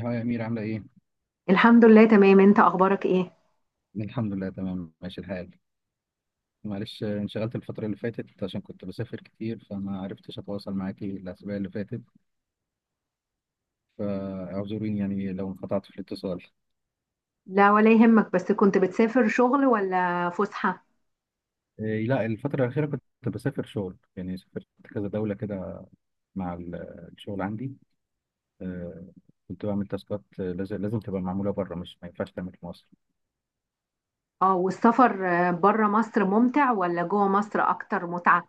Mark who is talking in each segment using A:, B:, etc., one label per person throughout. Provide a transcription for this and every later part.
A: هو يا أمير عاملة إيه؟
B: الحمد لله تمام، انت اخبارك ايه؟
A: الحمد لله تمام ماشي الحال. معلش انشغلت الفترة اللي فاتت عشان كنت بسافر كتير فما عرفتش أتواصل معاكي الأسابيع اللي فاتت، فاعذريني يعني لو انقطعت في الاتصال.
B: لا ولا يهمك، بس كنت بتسافر شغل ولا فسحة؟
A: إيه لا، الفترة الأخيرة كنت بسافر شغل، يعني سافرت كذا دولة كده مع الشغل عندي. آه، كنت بعمل تاسكات، لازم تبقى معمولة بره، مش ما ينفعش تعمل في مصر.
B: اه، والسفر بره مصر ممتع ولا جوه مصر اكتر متعة؟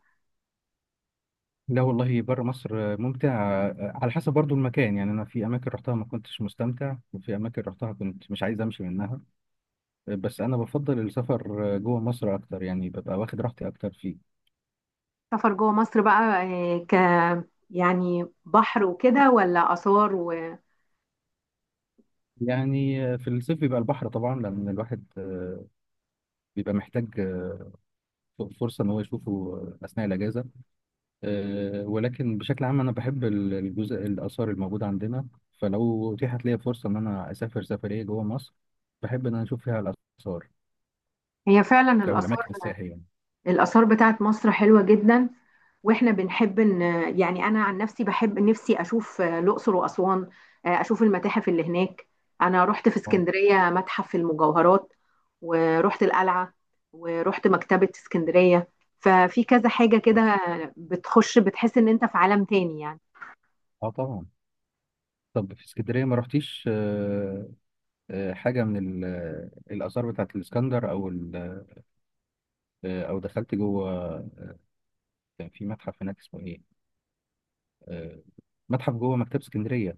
A: لا والله، بره مصر ممتع. على حسب برضو المكان، يعني أنا في أماكن رحتها ما كنتش مستمتع، وفي أماكن رحتها كنت مش عايز أمشي منها. بس انا بفضل السفر جوه مصر اكتر، يعني ببقى واخد راحتي اكتر فيه.
B: سفر جوه مصر بقى آه، ك يعني بحر وكده ولا آثار وهي؟
A: يعني في الصيف بيبقى البحر طبعا، لان الواحد بيبقى محتاج فرصه ان هو يشوفه اثناء الاجازه. ولكن بشكل عام انا بحب الجزء الاثار الموجوده عندنا، فلو اتيحت لي فرصه ان انا اسافر سفريه جوه مصر بحب ان انا اشوف فيها الاثار
B: فعلا
A: او
B: الآثار.
A: الاماكن السياحيه يعني.
B: الآثار بتاعت مصر حلوة جدا، واحنا بنحب ان يعني، انا عن نفسي بحب نفسي اشوف الاقصر واسوان. اشوف المتاحف اللي هناك. انا رحت في
A: اه.
B: اسكندريه متحف المجوهرات، ورحت القلعه، ورحت مكتبه اسكندريه. ففي كذا حاجه
A: آه.
B: كده بتخش بتحس ان انت في عالم تاني يعني.
A: اه طبعا. طب في اسكندريه ما رحتيش حاجه من الاثار بتاعت الاسكندر او او دخلت جوه، كان في متحف هناك اسمه ايه، آه، متحف جوه مكتبه اسكندريه.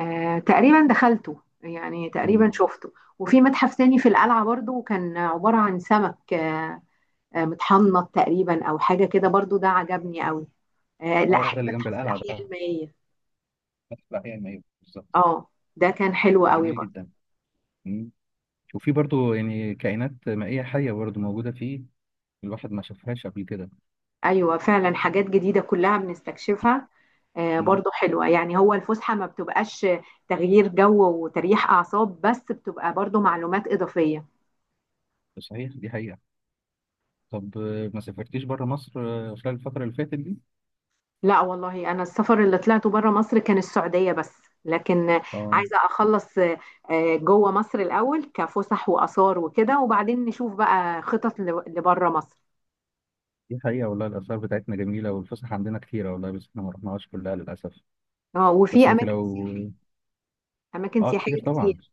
B: تقريبا دخلته، يعني
A: مم.
B: تقريبا شفته. وفي متحف تاني في القلعه برضو كان عباره عن سمك متحنط تقريبا او حاجه كده، برضو ده عجبني قوي. لا
A: اه،
B: أح-
A: ده اللي جنب
B: متحف
A: القلعه
B: الاحياء
A: ده،
B: المائيه.
A: متحف الاحياء المائيه بالظبط.
B: اه، ده كان حلو
A: ده
B: قوي
A: جميل
B: برضو.
A: جدا. مم. وفي برضو يعني كائنات مائيه حيه برضو موجوده فيه، الواحد ما شافهاش قبل كده.
B: ايوه فعلا، حاجات جديده كلها بنستكشفها.
A: مم.
B: برضو حلوه يعني، هو الفسحه ما بتبقاش تغيير جو وتريح اعصاب بس، بتبقى برضو معلومات اضافيه.
A: صحيح، دي حقيقه. طب ما سافرتيش بره مصر خلال الفتره اللي فاتت دي؟
B: لا والله، انا السفر اللي طلعته بره مصر كان السعوديه بس. لكن
A: اه.
B: عايزه اخلص جوه مصر الاول كفسح واثار وكده، وبعدين نشوف بقى خطط لبره مصر.
A: دي حقيقة والله، الآثار بتاعتنا جميلة والفسح عندنا كتيرة والله، بس احنا ما رحناهاش كلها للأسف.
B: اه،
A: بس انت لو،
B: اماكن
A: اه، كتير
B: سياحيه
A: طبعا.
B: كتير.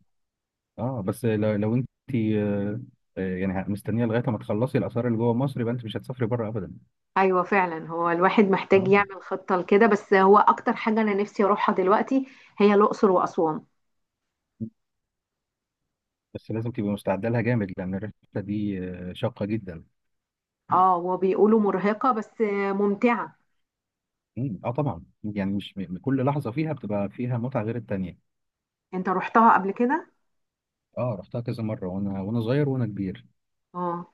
A: اه بس لو انت آه، يعني مستنيه لغايه ما تخلصي الاثار اللي جوه مصر، يبقى انت مش هتسافري بره ابدا.
B: ايوه فعلا، هو الواحد محتاج
A: اه،
B: يعمل خطه لكده، بس هو اكتر حاجه انا نفسي اروحها دلوقتي هي الاقصر واسوان.
A: بس لازم تبقي مستعده لها جامد، لان الرحله دي شاقه جدا.
B: اه، وبيقولوا مرهقه بس ممتعه.
A: اه طبعا، يعني مش م- كل لحظه فيها بتبقى فيها متعه غير التانيه.
B: انت رحتها قبل كده؟
A: اه، رحتها كذا مره، وانا وانا صغير وانا كبير،
B: اه.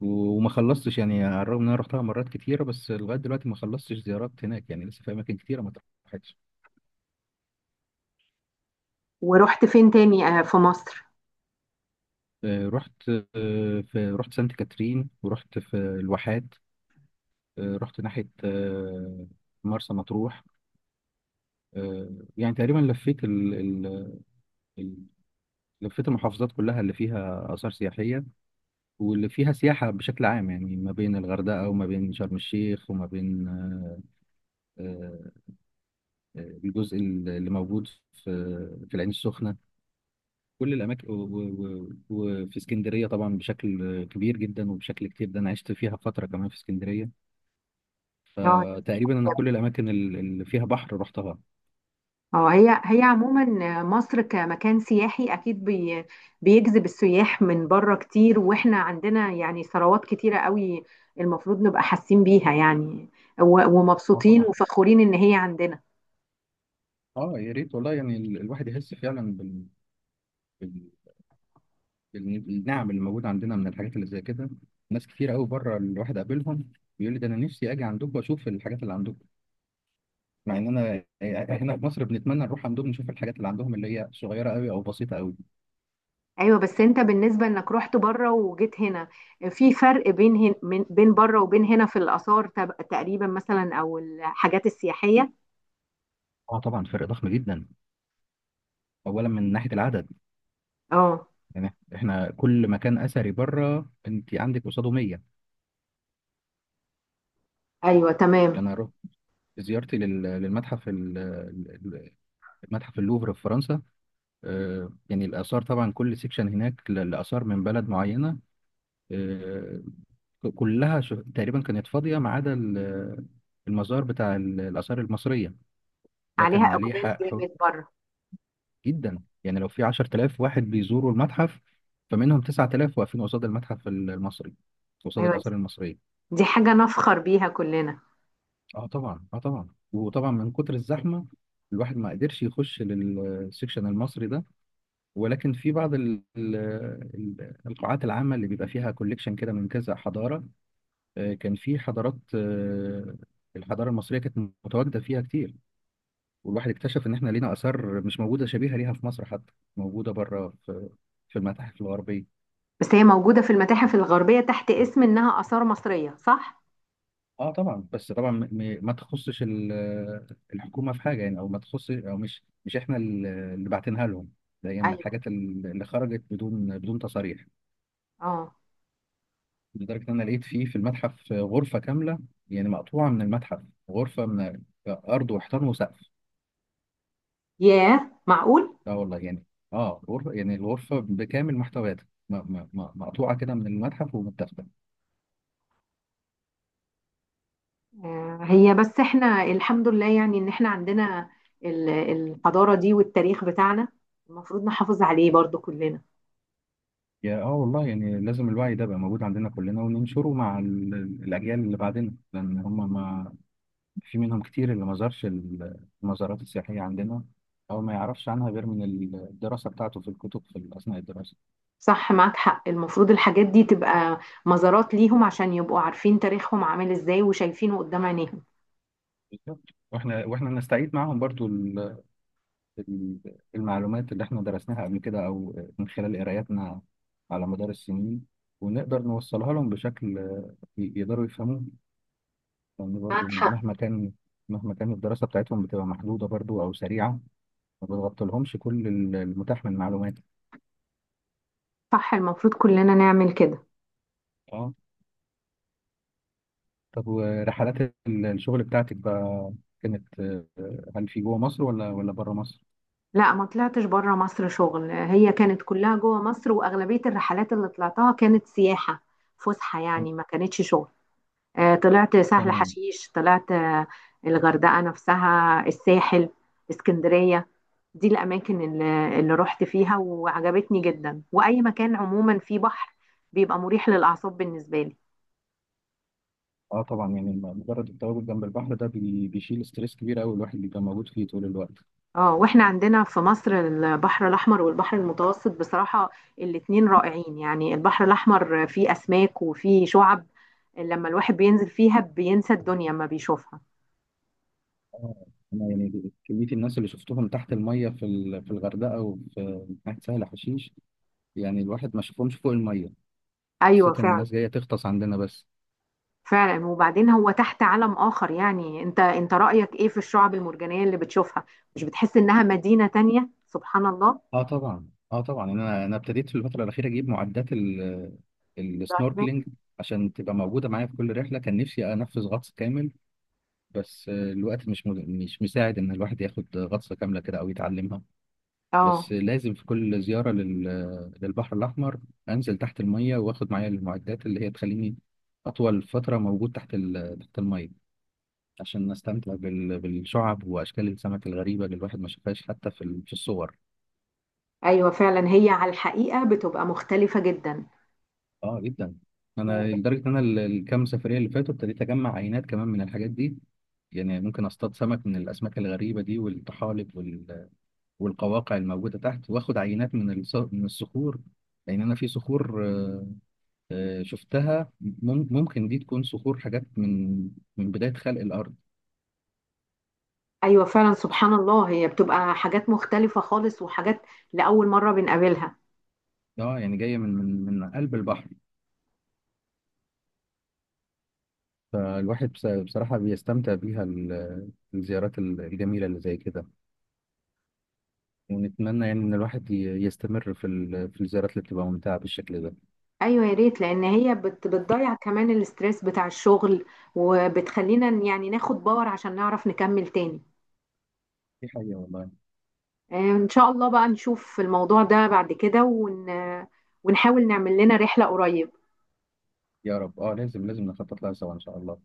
A: وما خلصتش، يعني على الرغم ان انا رحتها مرات كتيره، بس لغايه دلوقتي ما خلصتش زيارات هناك، يعني لسه في اماكن كتيره ما اتراحتش.
B: ورحت فين تاني في مصر؟
A: رحت في رحت سانت كاترين، ورحت في الواحات، رحت ناحية مرسى مطروح. آه، يعني تقريبا لفيت ال... ال... ال... لفيت المحافظات كلها اللي فيها آثار سياحية واللي فيها سياحة بشكل عام، يعني ما بين الغردقة وما بين شرم الشيخ وما بين آه، الجزء اللي موجود في في العين السخنة. كل الأماكن وفي اسكندرية طبعا بشكل كبير جدا وبشكل كتير، ده أنا عشت فيها فترة كمان في اسكندرية،
B: اه.
A: فتقريبا أنا كل الأماكن اللي فيها بحر رحتها.
B: اه، هي عموما مصر كمكان سياحي اكيد بيجذب السياح من بره كتير، واحنا عندنا يعني ثروات كتيره قوي المفروض نبقى حاسين بيها يعني،
A: اه
B: ومبسوطين
A: طبعا.
B: وفخورين ان هي عندنا.
A: اه يا ريت والله، يعني الواحد يحس فعلا بال... بالنعم اللي موجوده عندنا من الحاجات اللي زي كده. ناس كتير قوي بره الواحد قابلهم بيقول لي ده انا نفسي اجي عندكم واشوف الحاجات اللي عندكم، مع ان انا هنا في مصر بنتمنى نروح عندهم نشوف الحاجات اللي عندهم اللي هي صغيره قوي او بسيطه قوي.
B: ايوه، بس انت بالنسبه انك رحت بره وجيت هنا، في فرق بين بين بره وبين هنا في الاثار تقريبا، مثلا، او الحاجات السياحيه؟
A: اه طبعا، فرق ضخم جدا، اولا من ناحيه العدد.
B: اه.
A: يعني احنا كل مكان اثري بره انت عندك قصاده 100.
B: ايوه تمام.
A: انا رحت، زيارتي للمتحف المتحف اللوفر في فرنسا، يعني الآثار طبعا كل سيكشن هناك لآثار من بلد معينة، آه، كلها تقريبا كانت فاضية ما عدا المزار بتاع الآثار المصرية، ده
B: عليها
A: كان عليه
B: اقبال
A: حق حر
B: جامد بره.
A: جدا. يعني لو في 10,000 واحد بيزوروا المتحف، فمنهم 9,000 واقفين قصاد المتحف المصري، قصاد
B: ايوه، دي
A: الآثار المصرية.
B: دي حاجه نفخر بيها كلنا.
A: اه طبعا، اه طبعا، وطبعا من كتر الزحمة الواحد ما قدرش يخش للسيكشن المصري ده. ولكن في بعض القاعات العامة اللي بيبقى فيها كوليكشن كده من كذا حضارة، كان في حضارات، الحضارة المصرية كانت متواجدة فيها كتير، والواحد اكتشف إن إحنا لينا آثار مش موجودة شبيهة ليها في مصر، حتى موجودة بره في في المتاحف الغربية.
B: بس هي موجودة في المتاحف الغربية تحت اسم إنها آثار مصرية، صح؟
A: اه طبعا، بس طبعا ما تخصش الحكومة في حاجة يعني، او ما تخص، او مش احنا اللي باعتينها لهم، ده هي من
B: أيوه.
A: الحاجات اللي خرجت بدون بدون تصاريح.
B: اه.
A: لدرجة إن أنا لقيت فيه في المتحف غرفة كاملة، يعني مقطوعة من المتحف، غرفة من أرض وحيطان وسقف.
B: ياه، معقول؟
A: لا والله، يعني آه غرفة، يعني الغرفة بكامل محتوياتها مقطوعة كده من المتحف ومتاخدة.
B: هي بس احنا الحمد لله يعني إن احنا عندنا الحضارة دي والتاريخ بتاعنا المفروض نحافظ عليه برضو كلنا.
A: يا والله يعني، لازم الوعي ده يبقى موجود عندنا كلنا وننشره مع الأجيال اللي بعدنا، لأن هم، ما في منهم كتير اللي ما زارش المزارات السياحية عندنا، أو ما يعرفش عنها غير من الدراسة بتاعته في الكتب في أثناء الدراسة.
B: صح، معاك حق، المفروض الحاجات دي تبقى مزارات ليهم عشان يبقوا عارفين تاريخهم عامل ازاي وشايفينه قدام عينيهم.
A: بالظبط، واحنا نستعيد معاهم برضو المعلومات اللي احنا درسناها قبل كده او من خلال قراياتنا على مدار السنين، ونقدر نوصلها لهم بشكل يقدروا يفهموه. لان
B: معاك
A: برضو
B: حق.
A: مهما كان مهما كان الدراسة بتاعتهم بتبقى محدودة برضو او سريعة، ما بتغطي لهمش كل المتاح من معلومات.
B: صح، المفروض كلنا نعمل كده.
A: اه. طب ورحلات الشغل بتاعتك بقى، كانت هل في جوه مصر ولا بره مصر؟
B: لا، ما طلعتش بره مصر شغل، هي كانت كلها جوه مصر، واغلبيه الرحلات اللي طلعتها كانت سياحه فسحه يعني، ما كانتش شغل. طلعت سهل
A: تمام.
B: حشيش، طلعت الغردقه نفسها، الساحل، اسكندريه. دي الاماكن اللي رحت فيها وعجبتني جدا. واي مكان عموما فيه بحر بيبقى مريح للاعصاب بالنسبه لي.
A: اه طبعا، يعني مجرد التواجد جنب البحر ده بيشيل ستريس كبير قوي الواحد بيبقى موجود فيه طول الوقت.
B: اه، واحنا عندنا في مصر البحر الاحمر والبحر المتوسط بصراحه الاتنين رائعين. يعني البحر الاحمر فيه اسماك وفيه شعب، لما الواحد بينزل فيها بينسى الدنيا ما بيشوفها.
A: آه، انا يعني كميه الناس اللي شفتهم تحت الميه في في الغردقه وفي ناحيه سهل حشيش، يعني الواحد ما شافهمش فوق الميه،
B: ايوه
A: حسيت ان
B: فعلا.
A: الناس جايه تغطس عندنا بس.
B: فعلا، وبعدين هو تحت عالم اخر يعني. انت، رايك ايه في الشعب المرجانيه اللي بتشوفها؟ مش بتحس انها مدينه تانية، سبحان الله؟
A: اه طبعا، اه طبعا، يعني انا ابتديت في الفتره الاخيره اجيب معدات
B: دايفنج.
A: السنوركلينج عشان تبقى موجوده معايا في كل رحله، كان نفسي انفذ غطس كامل، بس الوقت مش مساعد ان الواحد ياخد غطسه كامله كده او يتعلمها.
B: اه.
A: بس لازم في كل زيارة للبحر الأحمر أنزل تحت المية، وآخد معايا المعدات اللي هي تخليني أطول فترة موجود تحت المية، عشان أستمتع بالشعب وأشكال السمك الغريبة اللي الواحد ما شافهاش حتى في الصور.
B: ايوه فعلا، هي على الحقيقه بتبقى مختلفه جدا.
A: آه جدا. أنا لدرجة إن أنا الكام سفرية اللي فاتوا ابتديت أجمع عينات كمان من الحاجات دي، يعني ممكن اصطاد سمك من الاسماك الغريبه دي، والطحالب والقواقع الموجوده تحت، واخد عينات من من الصخور، لان انا في صخور شفتها ممكن دي تكون صخور، حاجات من من بداية خلق الأرض.
B: ايوه فعلا، سبحان الله، هي بتبقى حاجات مختلفة خالص، وحاجات لأول مرة بنقابلها.
A: اه يعني جاية من قلب البحر. فالواحد بصراحة بيستمتع بيها الزيارات الجميلة اللي زي كده، ونتمنى يعني إن الواحد يستمر في في الزيارات اللي بتبقى ممتعة بالشكل ده.
B: ايوه يا ريت، لان هي بتضيع كمان الاسترس بتاع الشغل، وبتخلينا يعني ناخد باور عشان نعرف نكمل تاني.
A: دي حقيقة والله.
B: ان شاء الله بقى نشوف الموضوع ده بعد كده ونحاول نعمل لنا رحلة قريب.
A: يا رب، اه، لازم نخطط لها سوا إن شاء الله.